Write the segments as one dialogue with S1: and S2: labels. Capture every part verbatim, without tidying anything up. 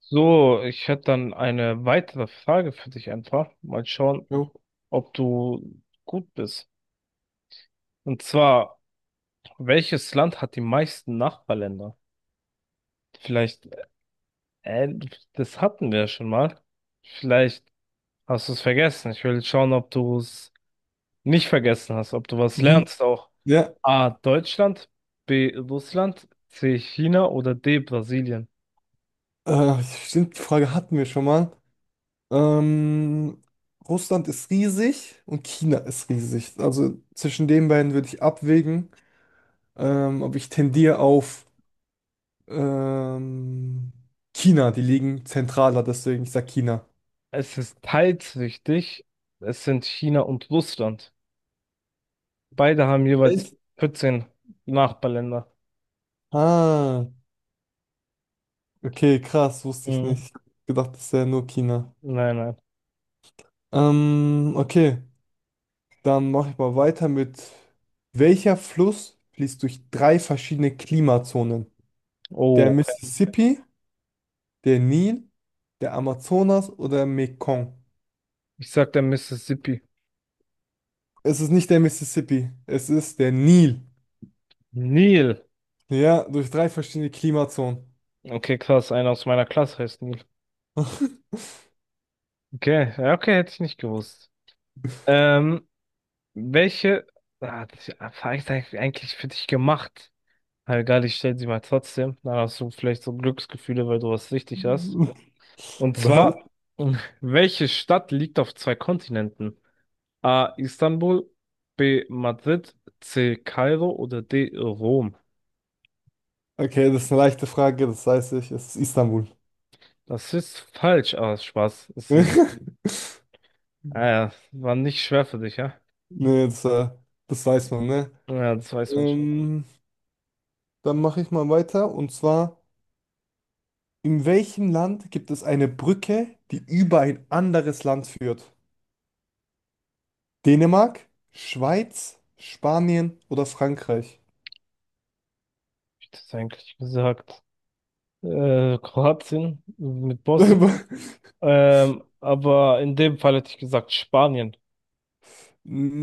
S1: So, ich hätte dann eine weitere Frage für dich einfach. Mal schauen,
S2: Jo.
S1: ob du gut bist. Und zwar, welches Land hat die meisten Nachbarländer? Vielleicht, äh, das hatten wir ja schon mal. Vielleicht hast du es vergessen. Ich will schauen, ob du es nicht vergessen hast, ob du was
S2: Mhm.
S1: lernst auch.
S2: Ja,
S1: A. Deutschland, B. Russland, C. China oder D. Brasilien.
S2: äh, stimmt, die Frage hatten wir schon mal. Ähm, Russland ist riesig und China ist riesig. Also zwischen den beiden würde ich abwägen, ähm, ob ich tendiere auf ähm, China. Die liegen zentraler, deswegen ich sage China.
S1: Es ist teils richtig. Es sind China und Russland. Beide haben jeweils
S2: Echt?
S1: vierzehn Nachbarländer.
S2: Ah, okay, krass, wusste ich
S1: Mhm.
S2: nicht. Ich gedacht, das wäre nur China.
S1: Nein, nein.
S2: Ähm, okay, dann mache ich mal weiter mit: Welcher Fluss fließt durch drei verschiedene Klimazonen?
S1: Oh,
S2: Der
S1: okay.
S2: Mississippi, der Nil, der Amazonas oder Mekong?
S1: Ich sag der Mississippi.
S2: Es ist nicht der Mississippi, es ist der Nil.
S1: Nil.
S2: Ja, durch drei verschiedene Klimazonen.
S1: Okay, krass. Einer aus meiner Klasse heißt Nil. Okay, ja, okay, hätte ich nicht gewusst. Ähm, welche ah, die Frage ist eigentlich eigentlich für dich gemacht? Na egal, ich stell sie mal trotzdem. Dann hast du vielleicht so Glücksgefühle, weil du was richtig hast. Und
S2: Was?
S1: zwar, welche Stadt liegt auf zwei Kontinenten? A. Istanbul, B. Madrid, C. Kairo oder D. Rom.
S2: Okay, das ist eine leichte Frage, das weiß ich. Es ist Istanbul.
S1: Das ist falsch, aber Spaß. Das ist, äh, war nicht schwer für dich, ja?
S2: Nee, das, äh, das weiß man, ne?
S1: Ja, das weiß man schon. Hab
S2: Ähm, dann mache ich mal weiter. Und zwar, in welchem Land gibt es eine Brücke, die über ein anderes Land führt? Dänemark, Schweiz, Spanien oder Frankreich?
S1: ich das eigentlich gesagt? Äh, Kroatien mit Bosnien. Ähm, aber in dem Fall hätte ich gesagt Spanien.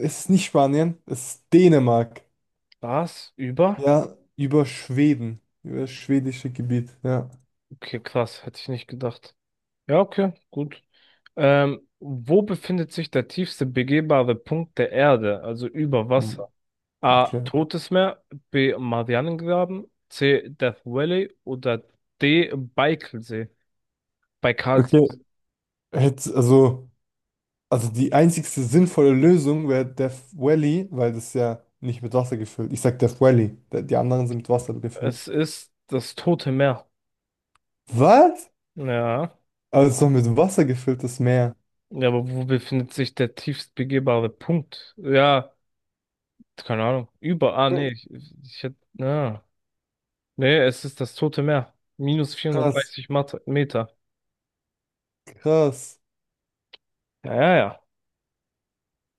S2: Es ist nicht Spanien, es ist Dänemark.
S1: Was? Über?
S2: Ja, über Schweden, über das schwedische Gebiet, ja.
S1: Okay, krass, hätte ich nicht gedacht. Ja, okay, gut. Ähm, wo befindet sich der tiefste begehbare Punkt der Erde? Also über
S2: Hm,
S1: Wasser? A.
S2: okay.
S1: Totes Meer. B. Marianengraben. C. Death Valley. Oder D. Baikalsee. Baikalsee.
S2: Okay. Hätte, also, also die einzigste sinnvolle Lösung wäre Death Valley, weil das ist ja nicht mit Wasser gefüllt. Ich sag Death Valley, da- die anderen sind mit Wasser gefüllt.
S1: Es ist das Tote Meer.
S2: Was?
S1: Ja.
S2: Also es ist doch mit Wasser gefülltes Meer.
S1: Ja, aber wo befindet sich der tiefst begehbare Punkt? Ja, keine Ahnung. Über. Ah, nee.
S2: Hm.
S1: Ich, ich hätte. Ja. Nee, es ist das Tote Meer. Minus
S2: Krass,
S1: vierhundertdreißig Mat- Meter.
S2: krass.
S1: Ja, ja, ja.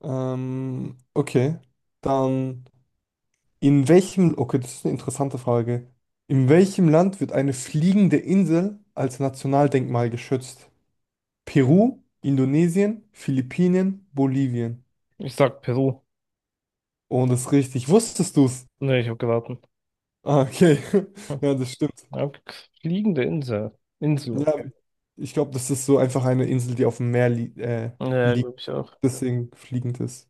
S2: Ähm, okay. Dann. In welchem, okay, das ist eine interessante Frage. In welchem Land wird eine fliegende Insel als Nationaldenkmal geschützt? Peru, Indonesien, Philippinen, Bolivien.
S1: Ich sag Peru.
S2: Oh, das ist richtig. Wusstest du's?
S1: Nee, ich hab geraten.
S2: Ah, okay.
S1: Hm.
S2: Ja, das stimmt.
S1: Ja, Fliegende Insel. Insel,
S2: Ja,
S1: okay.
S2: ich glaube, das ist so einfach eine Insel, die auf dem Meer li äh,
S1: Ja,
S2: liegt,
S1: glaube ich auch.
S2: deswegen fliegend ist.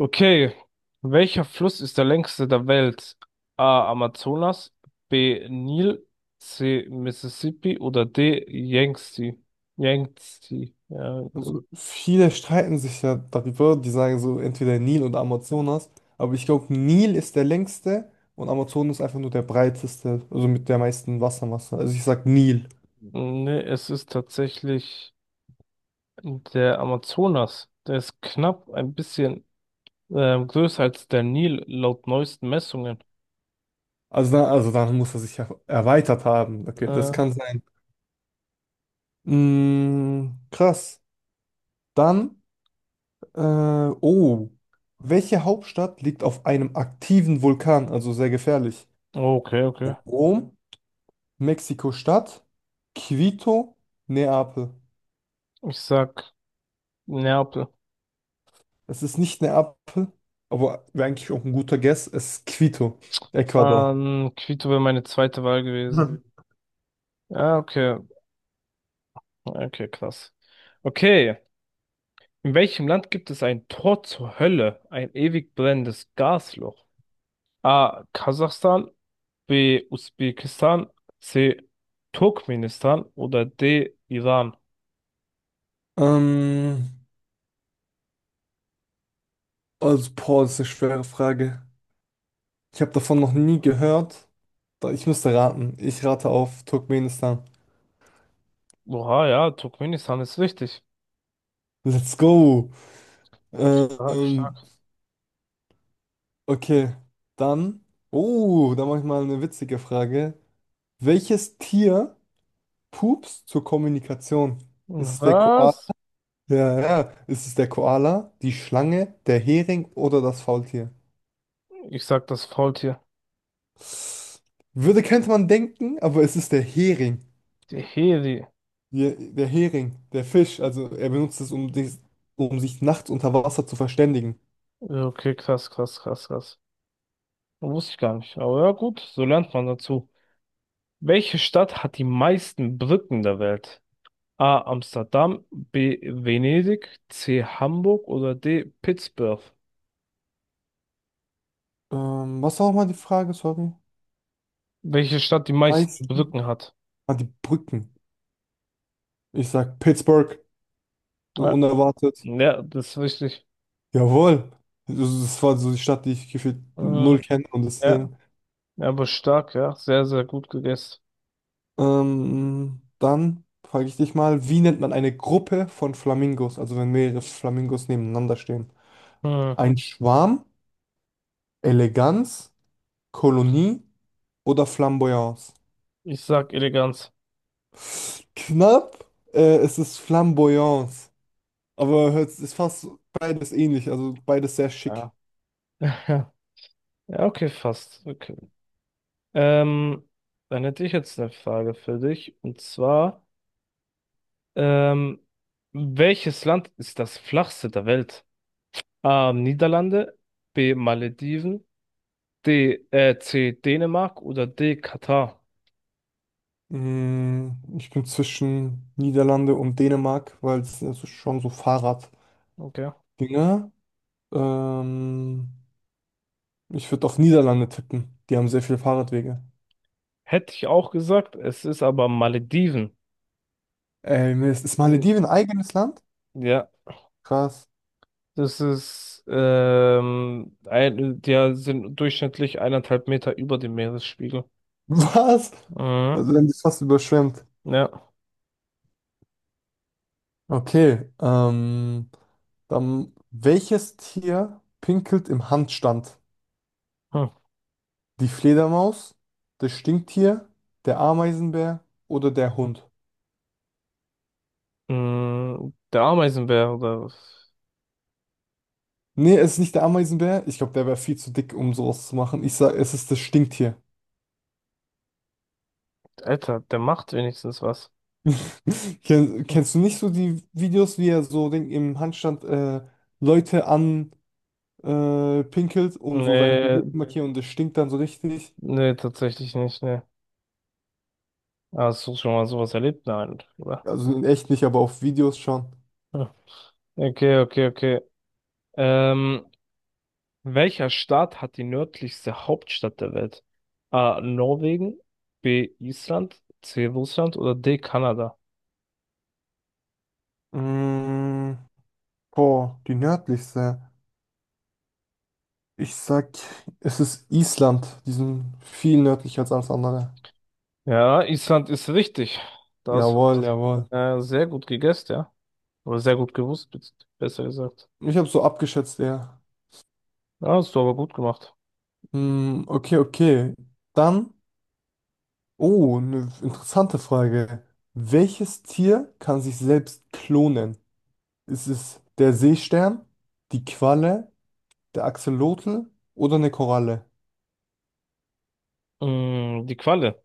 S1: Okay, welcher Fluss ist der längste der Welt? A. Amazonas, B. Nil, C. Mississippi oder D. Yangtze? Yangtze, ja. So.
S2: Also viele streiten sich ja darüber, die sagen so entweder Nil oder Amazonas, aber ich glaube, Nil ist der längste und Amazonas ist einfach nur der breiteste, also mit der meisten Wassermasse. Also ich sag Nil.
S1: Nee, es ist tatsächlich der Amazonas. Der ist knapp ein bisschen ähm, größer als der Nil laut neuesten Messungen.
S2: Also dann, also dann muss er sich ja erweitert haben. Okay,
S1: Äh,
S2: das kann sein. Mm, krass. Dann, äh, oh, welche Hauptstadt liegt auf einem aktiven Vulkan, also sehr gefährlich?
S1: okay, okay.
S2: Rom, Mexiko-Stadt, Quito, Neapel.
S1: Ich sag Neapel.
S2: Es ist nicht Neapel, aber wäre eigentlich auch ein guter Guess. Es ist Quito, Ecuador.
S1: Mann, Quito wäre meine zweite Wahl gewesen.
S2: Hm.
S1: Ja, okay. Okay, krass. Okay. In welchem Land gibt es ein Tor zur Hölle, ein ewig brennendes Gasloch? A. Kasachstan, B. Usbekistan, C. Turkmenistan oder D. Iran?
S2: Ähm, also, boah, das ist eine schwere Frage. Ich habe davon noch nie gehört. Da- Ich müsste raten. Ich rate auf Turkmenistan.
S1: Oha, ja, Turkmenistan ist richtig.
S2: Let's go.
S1: Stark, stark.
S2: Ähm, okay, dann. Oh, da mache ich mal eine witzige Frage. Welches Tier pupst zur Kommunikation? Ist es der Koala?
S1: Was?
S2: Ja, ja. Ist es der Koala, die Schlange, der Hering oder das Faultier?
S1: Ich sag das Faultier.
S2: Würde, könnte man denken, aber es ist der Hering.
S1: Teheri.
S2: Der, der Hering, der Fisch. Also er benutzt es, um, dich- um sich nachts unter Wasser zu verständigen.
S1: Okay, krass, krass, krass, krass. Wusste ich gar nicht. Aber ja, gut, so lernt man dazu. Welche Stadt hat die meisten Brücken der Welt? A. Amsterdam, B. Venedig, C. Hamburg oder D. Pittsburgh.
S2: Ähm, was war nochmal die Frage? Sorry.
S1: Welche Stadt die
S2: Eis.
S1: meisten Brücken hat.
S2: Ah, die Brücken. Ich sag Pittsburgh. So
S1: Ja,
S2: unerwartet.
S1: ja, das ist richtig.
S2: Jawohl. Das das war so die Stadt, die ich gefühlt null
S1: Mhm.
S2: kenne und
S1: Ja,
S2: deswegen.
S1: ja, aber stark, ja. Sehr, sehr gut gegessen.
S2: Ähm, dann frage ich dich mal, wie nennt man eine Gruppe von Flamingos? Also wenn mehrere Flamingos nebeneinander stehen.
S1: Hm.
S2: Ein Schwarm, Eleganz, Kolonie oder Flamboyance?
S1: Ich sag Eleganz.
S2: Knapp, äh, es ist Flamboyance. Aber es ist fast beides ähnlich, also beides sehr schick.
S1: Ja. Ja, okay, fast. Okay. Ähm, dann hätte ich jetzt eine Frage für dich. Und zwar, ähm, welches Land ist das flachste der Welt? A. Niederlande, B. Malediven, D, äh, C, Dänemark oder D, Katar.
S2: Mm, ich bin zwischen Niederlande und Dänemark, weil es ist schon so Fahrraddinger.
S1: Okay.
S2: Ähm, ich würde auf Niederlande tippen. Die haben sehr viele Fahrradwege.
S1: Hätte ich auch gesagt, es ist aber Malediven.
S2: Ey, Mist. Ist
S1: Sind,
S2: Malediven ein eigenes Land?
S1: ja,
S2: Krass.
S1: das ist, ähm, ein, die sind durchschnittlich eineinhalb Meter über dem Meeresspiegel.
S2: Was?
S1: Mhm.
S2: Also, dann ist fast überschwemmt.
S1: Ja.
S2: Okay, ähm, dann welches Tier pinkelt im Handstand?
S1: Hm.
S2: Die Fledermaus, das Stinktier, der Ameisenbär oder der Hund?
S1: Mm, der Ameisenbär oder, was?
S2: Nee, es ist nicht der Ameisenbär. Ich glaube, der wäre viel zu dick, um sowas zu machen. Ich sag, es ist das Stinktier.
S1: Alter, der macht wenigstens was.
S2: Ken
S1: Hm.
S2: kennst du nicht so die Videos, wie er so den, im Handstand äh, Leute an äh, pinkelt, um so sein Revier
S1: Nee,
S2: zu markieren und das stinkt dann so richtig?
S1: nee, tatsächlich nicht, nee. Hast du schon mal sowas erlebt? Nein, oder?
S2: Also in echt nicht, aber auf Videos schon.
S1: Hm. Okay, okay, okay. Ähm, Welcher Staat hat die nördlichste Hauptstadt der Welt? A. Norwegen, B. Island, C. Russland oder D. Kanada?
S2: Mm. Boah, die nördlichste. Ich sag, es ist Island. Die sind viel nördlicher als alles andere.
S1: Ja, Island ist richtig. Da hast du
S2: Jawohl,
S1: recht.
S2: jawohl.
S1: Äh, sehr gut gegessen, ja. Oder sehr gut gewusst, be- besser gesagt.
S2: Ich habe so abgeschätzt, ja.
S1: Ja, hast du aber gut gemacht.
S2: Hm, okay, okay. Dann, oh, eine interessante Frage. Welches Tier kann sich selbst klonen? Ist es der Seestern, die Qualle, der Axolotl oder eine Koralle?
S1: Mm, die Qualle.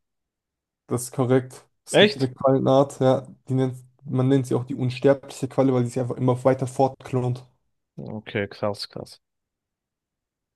S2: Das ist korrekt. Es gibt
S1: Echt?
S2: eine Quallenart, ja, die nennt, man nennt sie auch die unsterbliche Qualle, weil sie sich einfach immer weiter fortklont.
S1: Okay, krass, krass.